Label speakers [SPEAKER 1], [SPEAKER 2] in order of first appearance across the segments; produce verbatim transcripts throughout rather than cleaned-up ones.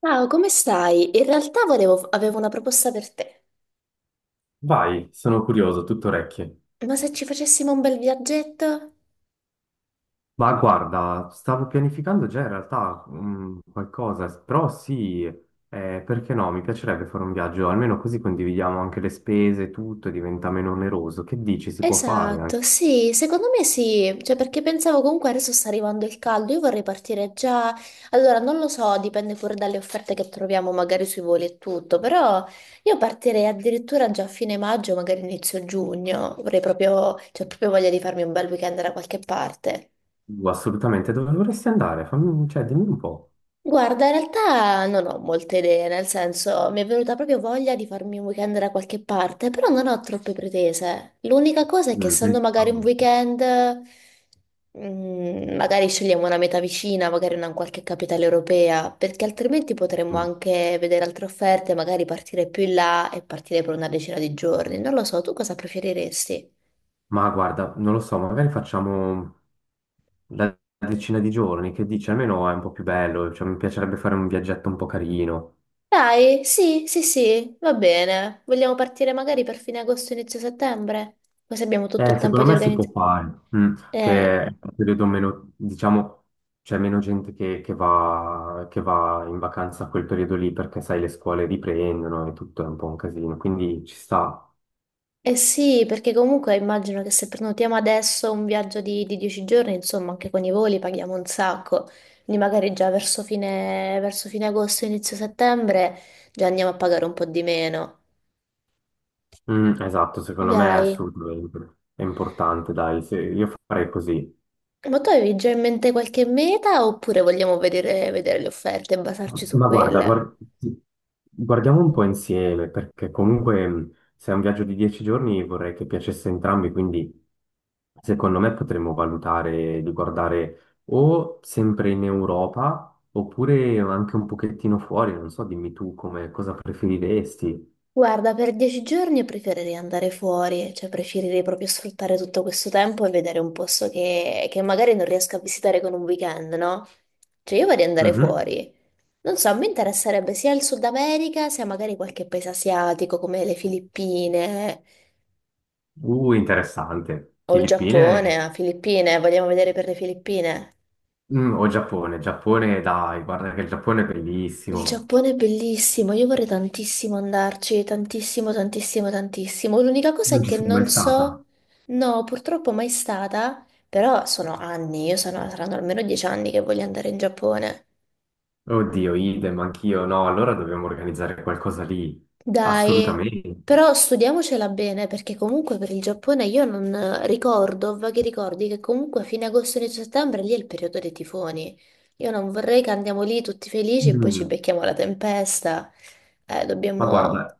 [SPEAKER 1] Ciao, come stai? In realtà volevo- avevo una proposta per te.
[SPEAKER 2] Vai, sono curioso, tutto orecchie.
[SPEAKER 1] Ma se ci facessimo un bel viaggetto?
[SPEAKER 2] Ma guarda, stavo pianificando già in realtà mm, qualcosa, però sì, eh, perché no? Mi piacerebbe fare un viaggio, almeno così condividiamo anche le spese, tutto, e diventa meno oneroso. Che dici, si può fare
[SPEAKER 1] Esatto,
[SPEAKER 2] anche?
[SPEAKER 1] sì, secondo me sì, cioè perché pensavo comunque adesso sta arrivando il caldo, io vorrei partire già, allora non lo so, dipende pure dalle offerte che troviamo magari sui voli e tutto, però io partirei addirittura già a fine maggio, magari inizio giugno, vorrei proprio, cioè proprio voglia di farmi un bel weekend da qualche parte.
[SPEAKER 2] Uh, Assolutamente, dove vorresti andare? Fammi, cioè, dimmi un po'.
[SPEAKER 1] Guarda, in realtà non ho molte idee, nel senso mi è venuta proprio voglia di farmi un weekend da qualche parte, però non ho troppe pretese. L'unica cosa è che essendo
[SPEAKER 2] Mm,
[SPEAKER 1] magari un weekend, mm, magari scegliamo una meta vicina, magari una in qualche capitale europea, perché altrimenti potremmo
[SPEAKER 2] mm.
[SPEAKER 1] anche vedere altre offerte, magari partire più in là e partire per una decina di giorni. Non lo so, tu cosa preferiresti?
[SPEAKER 2] Ma guarda, non lo so, magari facciamo la decina di giorni, che dici, almeno è un po' più bello, cioè, mi piacerebbe fare un viaggetto un po' carino.
[SPEAKER 1] Dai, sì, sì, sì, va bene. Vogliamo partire magari per fine agosto, inizio settembre? Così abbiamo tutto il
[SPEAKER 2] Eh,
[SPEAKER 1] tempo
[SPEAKER 2] secondo
[SPEAKER 1] di
[SPEAKER 2] me si può
[SPEAKER 1] organizzare.
[SPEAKER 2] fare, mm,
[SPEAKER 1] Eh,
[SPEAKER 2] che è un periodo meno, diciamo, c'è meno gente che, che va, che va in vacanza a quel periodo lì perché, sai, le scuole riprendono e tutto è un po' un casino, quindi ci sta.
[SPEAKER 1] eh sì, perché comunque immagino che se prenotiamo adesso un viaggio di, di dieci giorni, insomma, anche con i voli paghiamo un sacco. Quindi magari già verso fine, verso fine agosto, inizio settembre, già andiamo a pagare un po' di meno.
[SPEAKER 2] Mm, esatto, secondo me è
[SPEAKER 1] Dai,
[SPEAKER 2] assolutamente è importante, dai, se- io farei così.
[SPEAKER 1] ma tu avevi già in mente qualche meta oppure vogliamo vedere vedere le offerte e basarci su
[SPEAKER 2] Ma guarda,
[SPEAKER 1] quelle?
[SPEAKER 2] guar- guardiamo un po' insieme, perché comunque mh, se è un viaggio di dieci giorni vorrei che piacesse a entrambi, quindi secondo me potremmo valutare di guardare o sempre in Europa oppure anche un pochettino fuori, non so, dimmi tu come, cosa preferiresti.
[SPEAKER 1] Guarda, per dieci giorni preferirei andare fuori, cioè preferirei proprio sfruttare tutto questo tempo e vedere un posto che, che magari non riesco a visitare con un weekend, no? Cioè io vorrei andare
[SPEAKER 2] Mhm.
[SPEAKER 1] fuori. Non so, mi interesserebbe sia il Sud America, sia magari qualche paese asiatico come le Filippine
[SPEAKER 2] Uh, interessante.
[SPEAKER 1] o il
[SPEAKER 2] Filippine.
[SPEAKER 1] Giappone, ah, Filippine, vogliamo vedere per le Filippine?
[SPEAKER 2] Mm, o Giappone, Giappone, dai, guarda che il Giappone è
[SPEAKER 1] Il
[SPEAKER 2] bellissimo.
[SPEAKER 1] Giappone è bellissimo, io vorrei tantissimo andarci, tantissimo, tantissimo, tantissimo. L'unica cosa
[SPEAKER 2] Non
[SPEAKER 1] è
[SPEAKER 2] ci
[SPEAKER 1] che
[SPEAKER 2] sei mai
[SPEAKER 1] non
[SPEAKER 2] stata?
[SPEAKER 1] so, no, purtroppo mai stata, però sono anni, io sono, saranno almeno dieci anni che voglio andare in Giappone.
[SPEAKER 2] Oddio, idem, anch'io. No, allora dobbiamo organizzare qualcosa lì.
[SPEAKER 1] Dai,
[SPEAKER 2] Assolutamente.
[SPEAKER 1] però studiamocela bene, perché comunque per il Giappone io non ricordo, ho vaghi ricordi che comunque a fine agosto, inizio settembre, lì è il periodo dei tifoni. Io non vorrei che andiamo lì tutti felici e poi ci
[SPEAKER 2] Mm.
[SPEAKER 1] becchiamo la tempesta. Eh,
[SPEAKER 2] Ma
[SPEAKER 1] dobbiamo...
[SPEAKER 2] guarda,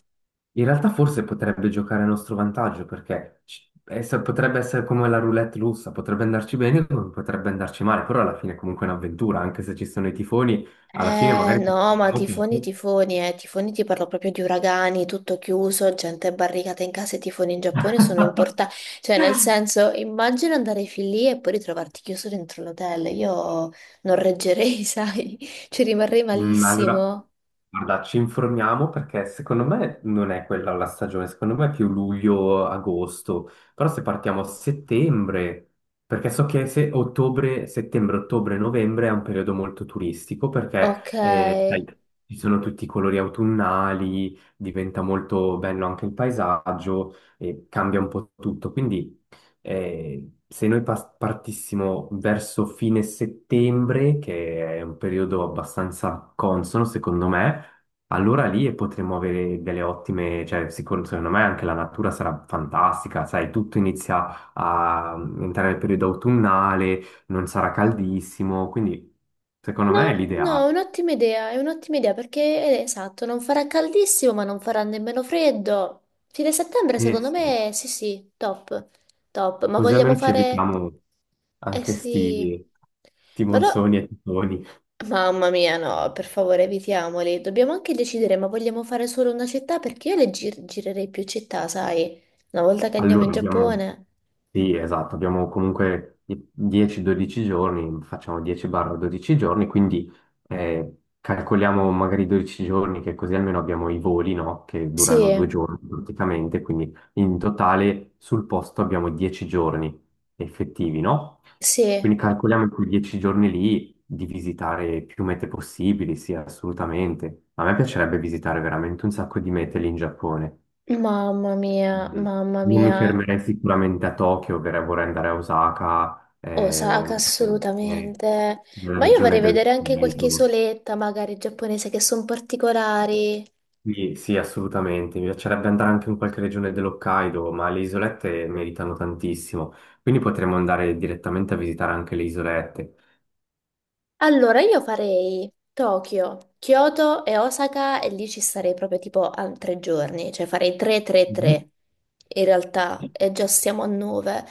[SPEAKER 2] in realtà forse potrebbe giocare a nostro vantaggio perché ci- essa- potrebbe essere come la roulette russa, potrebbe andarci bene come potrebbe andarci male, però alla fine è comunque un'avventura, anche se ci sono i tifoni, alla fine
[SPEAKER 1] Eh
[SPEAKER 2] magari
[SPEAKER 1] no, ma
[SPEAKER 2] abbiamo
[SPEAKER 1] tifoni,
[SPEAKER 2] poco.
[SPEAKER 1] tifoni, eh, tifoni ti parlo proprio di uragani, tutto chiuso, gente barricata in casa, i tifoni in Giappone sono importanti, cioè nel senso, immagino andare fin lì e poi ritrovarti chiuso dentro l'hotel, io non reggerei, sai, ci rimarrei
[SPEAKER 2] Mm, allora.
[SPEAKER 1] malissimo.
[SPEAKER 2] Guarda, ci informiamo perché secondo me non è quella la stagione, secondo me è più luglio-agosto, però se partiamo a settembre, perché so che se ottobre, settembre, ottobre, novembre è un periodo molto turistico
[SPEAKER 1] Ok.
[SPEAKER 2] perché eh, sai, ci sono tutti i colori autunnali, diventa molto bello anche il paesaggio e cambia un po' tutto, quindi eh, se noi pas- partissimo verso fine settembre, che è un periodo abbastanza consono, secondo me, allora lì potremmo avere delle ottime, cioè sicuro, secondo me anche la natura sarà fantastica, sai, tutto inizia a entrare nel periodo autunnale, non sarà caldissimo, quindi secondo me è
[SPEAKER 1] No, no, è
[SPEAKER 2] l'ideale.
[SPEAKER 1] un'ottima idea, è un'ottima idea perché è esatto, non farà caldissimo ma non farà nemmeno freddo. Fine settembre
[SPEAKER 2] Eh
[SPEAKER 1] secondo
[SPEAKER 2] sì,
[SPEAKER 1] me sì sì, top, top, ma
[SPEAKER 2] così
[SPEAKER 1] vogliamo
[SPEAKER 2] almeno ci
[SPEAKER 1] fare...
[SPEAKER 2] evitiamo
[SPEAKER 1] Eh
[SPEAKER 2] anche
[SPEAKER 1] sì,
[SPEAKER 2] sti, sti
[SPEAKER 1] ma no,
[SPEAKER 2] monsoni e tifoni.
[SPEAKER 1] mamma mia no, per favore evitiamoli, dobbiamo anche decidere ma vogliamo fare solo una città perché io le gir- girerei più città, sai, una volta che andiamo in
[SPEAKER 2] Allora, abbiamo,
[SPEAKER 1] Giappone.
[SPEAKER 2] sì, esatto, abbiamo comunque i- dieci dodici giorni, facciamo dieci dodici giorni, quindi eh, calcoliamo magari dodici giorni, che così almeno abbiamo i voli, no? Che
[SPEAKER 1] Sì,
[SPEAKER 2] durano due giorni praticamente, quindi in totale sul posto abbiamo dieci giorni effettivi, no?
[SPEAKER 1] sì,
[SPEAKER 2] Quindi calcoliamo quei dieci giorni lì di visitare più mete possibili, sì, assolutamente. A me piacerebbe visitare veramente un sacco di mete lì in Giappone.
[SPEAKER 1] mamma mia,
[SPEAKER 2] Mm.
[SPEAKER 1] mamma
[SPEAKER 2] Non mi
[SPEAKER 1] mia.
[SPEAKER 2] fermerei sicuramente a Tokyo, per- vorrei andare a Osaka, eh,
[SPEAKER 1] Osaka,
[SPEAKER 2] eh,
[SPEAKER 1] assolutamente.
[SPEAKER 2] nella
[SPEAKER 1] Ma io
[SPEAKER 2] regione
[SPEAKER 1] vorrei vedere anche qualche
[SPEAKER 2] dell'Hokkaido.
[SPEAKER 1] isoletta, magari giapponese, che sono particolari.
[SPEAKER 2] Sì, sì, assolutamente. Mi piacerebbe andare anche in qualche regione dell'Hokkaido, ma le isolette meritano tantissimo. Quindi potremmo andare direttamente a visitare anche le isolette.
[SPEAKER 1] Allora io farei Tokyo, Kyoto e Osaka e lì ci starei proprio tipo a tre giorni, cioè farei
[SPEAKER 2] Mhm.
[SPEAKER 1] tre tre-tre in realtà e già siamo a nove.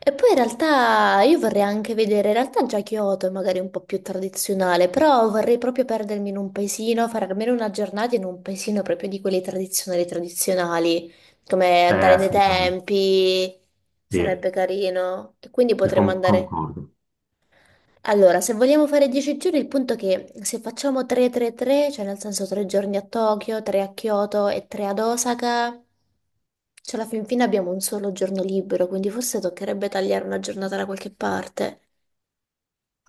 [SPEAKER 1] E poi in realtà io vorrei anche vedere, in realtà già Kyoto è magari un po' più tradizionale, però vorrei proprio perdermi in un paesino, fare almeno una giornata in un paesino proprio di quelli tradizionali tradizionali, come
[SPEAKER 2] Eh,
[SPEAKER 1] andare nei
[SPEAKER 2] assolutamente.
[SPEAKER 1] tempi, sarebbe
[SPEAKER 2] Sì,
[SPEAKER 1] carino. E quindi
[SPEAKER 2] sì,
[SPEAKER 1] potremmo
[SPEAKER 2] con-
[SPEAKER 1] andare...
[SPEAKER 2] concordo.
[SPEAKER 1] Allora, se vogliamo fare dieci giorni, il punto è che se facciamo tre tre-tre, cioè nel senso tre giorni a Tokyo, tre a Kyoto e tre ad Osaka, cioè alla fin fine abbiamo un solo giorno libero, quindi forse toccherebbe tagliare una giornata da qualche parte.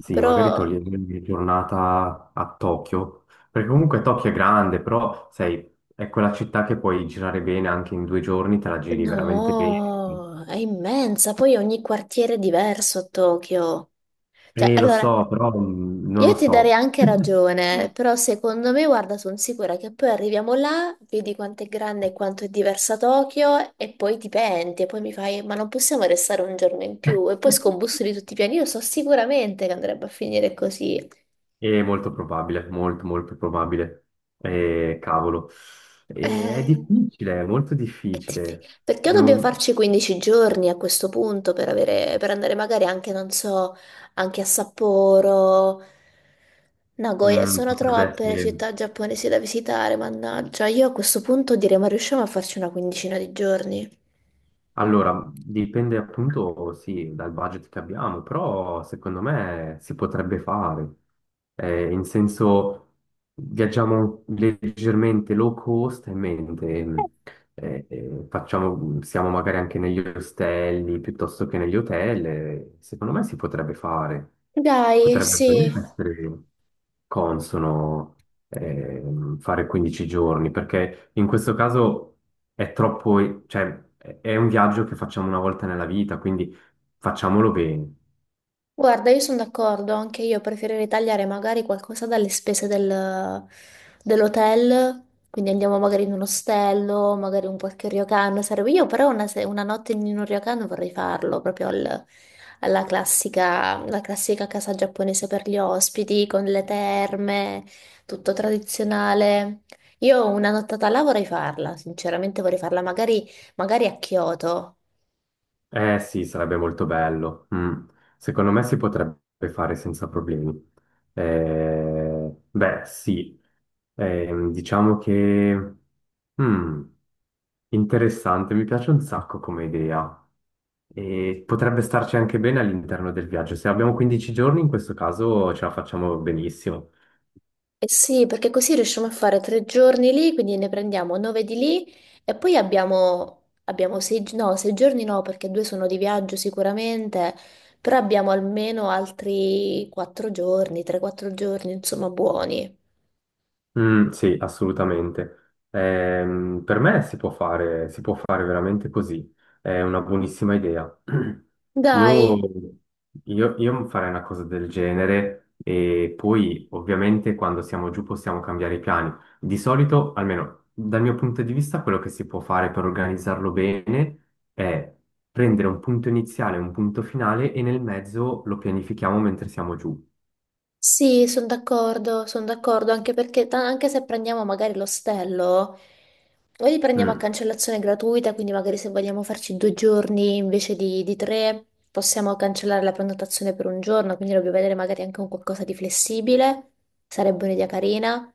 [SPEAKER 2] Sì,
[SPEAKER 1] Però
[SPEAKER 2] magari togliere una giornata a Tokyo, perché comunque Tokyo è grande, però sai, è quella città che puoi girare bene anche in due giorni, te la giri veramente bene.
[SPEAKER 1] no, è immensa, poi ogni quartiere è diverso a Tokyo. Cioè,
[SPEAKER 2] Eh, lo
[SPEAKER 1] allora,
[SPEAKER 2] so, però mm, non lo
[SPEAKER 1] io ti darei
[SPEAKER 2] so.
[SPEAKER 1] anche ragione, però secondo me, guarda, sono sicura che poi arriviamo là, vedi quanto è grande e quanto è diversa Tokyo e poi ti penti e poi mi fai, ma non possiamo restare un giorno in più e poi scombussoli tutti i piani. Io so sicuramente che andrebbe a finire così.
[SPEAKER 2] È molto probabile, molto, molto probabile. Eh, cavolo. Eh, è
[SPEAKER 1] Eh,
[SPEAKER 2] difficile, è molto
[SPEAKER 1] È diffi-
[SPEAKER 2] difficile.
[SPEAKER 1] Perché dobbiamo
[SPEAKER 2] Devo-
[SPEAKER 1] farci quindici giorni a questo punto per avere, per andare magari anche, non so, anche a Sapporo, Nagoya?
[SPEAKER 2] mm,
[SPEAKER 1] Sono
[SPEAKER 2] potrebbe
[SPEAKER 1] troppe le
[SPEAKER 2] essere.
[SPEAKER 1] città giapponesi da visitare, mannaggia. Io a questo punto direi, ma riusciamo a farci una quindicina di giorni?
[SPEAKER 2] Allora, dipende appunto, sì, dal budget che abbiamo, però secondo me si potrebbe fare. Eh, in senso, viaggiamo leggermente low cost e mente, eh, eh, facciamo, siamo magari anche negli ostelli piuttosto che negli hotel. eh, Secondo me si potrebbe fare.
[SPEAKER 1] Dai,
[SPEAKER 2] Potrebbe
[SPEAKER 1] sì.
[SPEAKER 2] veramente essere consono ehm, fare quindici giorni, perché in questo caso è troppo, cioè, è è un viaggio che facciamo una volta nella vita, quindi facciamolo bene.
[SPEAKER 1] Guarda, io sono d'accordo, anche io preferirei tagliare magari qualcosa dalle spese del- dell'hotel, quindi andiamo magari in un ostello, magari un qualche ryokan, sarebbe io però una, se- una notte in un ryokan vorrei farlo, proprio al- alla classica, la classica casa giapponese per gli ospiti, con le terme, tutto tradizionale. Io una nottata là vorrei farla, sinceramente vorrei farla magari magari a Kyoto.
[SPEAKER 2] Eh sì, sarebbe molto bello. Mm. Secondo me si potrebbe fare senza problemi. Eh, beh, sì, Ehm, diciamo che. mm, Interessante, mi piace un sacco come idea. E potrebbe starci anche bene all'interno del viaggio. Se abbiamo quindici giorni, in questo caso ce la facciamo benissimo.
[SPEAKER 1] Eh sì, perché così riusciamo a fare tre giorni lì, quindi ne prendiamo nove di lì e poi abbiamo, abbiamo sei, gi- no, sei giorni no, perché due sono di viaggio sicuramente, però abbiamo almeno altri quattro giorni, tre, quattro giorni, insomma, buoni.
[SPEAKER 2] Mm, sì, assolutamente. Ehm, per me si può fare, si può fare veramente così. È una buonissima idea. Io,
[SPEAKER 1] Dai,
[SPEAKER 2] io, io farei una cosa del genere e poi ovviamente quando siamo giù possiamo cambiare i piani. Di solito, almeno dal mio punto di vista, quello che si può fare per organizzarlo bene è prendere un punto iniziale, un punto finale e nel mezzo lo pianifichiamo mentre siamo giù.
[SPEAKER 1] sì, sono d'accordo, sono d'accordo, anche perché ta- anche se prendiamo magari l'ostello, o li prendiamo a
[SPEAKER 2] Mm,
[SPEAKER 1] cancellazione gratuita, quindi magari se vogliamo farci due giorni invece di, di tre, possiamo cancellare la prenotazione per un giorno, quindi dobbiamo vedere magari anche un qualcosa di flessibile, sarebbe un'idea carina.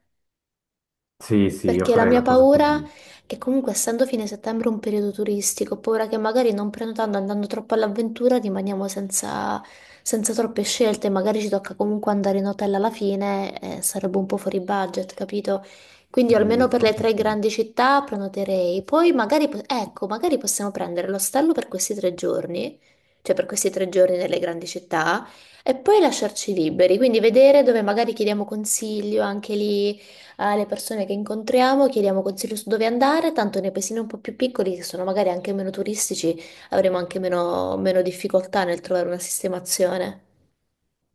[SPEAKER 2] sì, sì, io
[SPEAKER 1] Perché la
[SPEAKER 2] farei
[SPEAKER 1] mia
[SPEAKER 2] una cosa
[SPEAKER 1] paura
[SPEAKER 2] così.
[SPEAKER 1] è comunque, essendo fine settembre un periodo turistico, ho paura che magari non prenotando, andando troppo all'avventura, rimaniamo senza, senza troppe scelte. Magari ci tocca comunque andare in hotel alla fine, eh, sarebbe un po' fuori budget, capito? Quindi almeno
[SPEAKER 2] Mm,
[SPEAKER 1] per le tre
[SPEAKER 2] fortissimo.
[SPEAKER 1] grandi città prenoterei. Poi magari, po- ecco, magari possiamo prendere l'ostello per questi tre giorni, cioè per questi tre giorni nelle grandi città, e poi lasciarci liberi. Quindi vedere dove magari chiediamo consiglio anche lì alle persone che incontriamo, chiediamo consigli su dove andare, tanto nei paesini un po' più piccoli, che sono magari anche meno turistici, avremo anche meno, meno difficoltà nel trovare una sistemazione.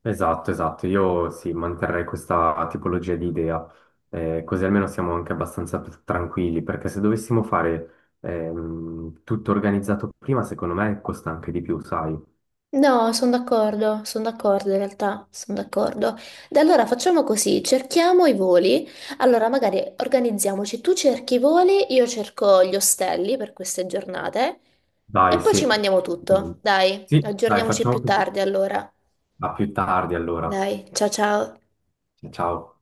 [SPEAKER 2] Esatto, esatto. Io sì, manterrei questa tipologia di idea, Eh, così almeno siamo anche abbastanza p- tranquilli, perché se dovessimo fare ehm, tutto organizzato prima, secondo me costa anche di più, sai.
[SPEAKER 1] No, sono d'accordo, sono d'accordo in realtà, sono d'accordo. Da allora facciamo così, cerchiamo i voli, allora magari organizziamoci, tu cerchi i voli, io cerco gli ostelli per queste giornate e
[SPEAKER 2] Dai,
[SPEAKER 1] poi ci
[SPEAKER 2] sì.
[SPEAKER 1] mandiamo tutto, dai,
[SPEAKER 2] Sì, dai,
[SPEAKER 1] aggiorniamoci
[SPEAKER 2] facciamo
[SPEAKER 1] più
[SPEAKER 2] così.
[SPEAKER 1] tardi allora.
[SPEAKER 2] A più tardi allora.
[SPEAKER 1] Dai, ciao ciao.
[SPEAKER 2] Ciao.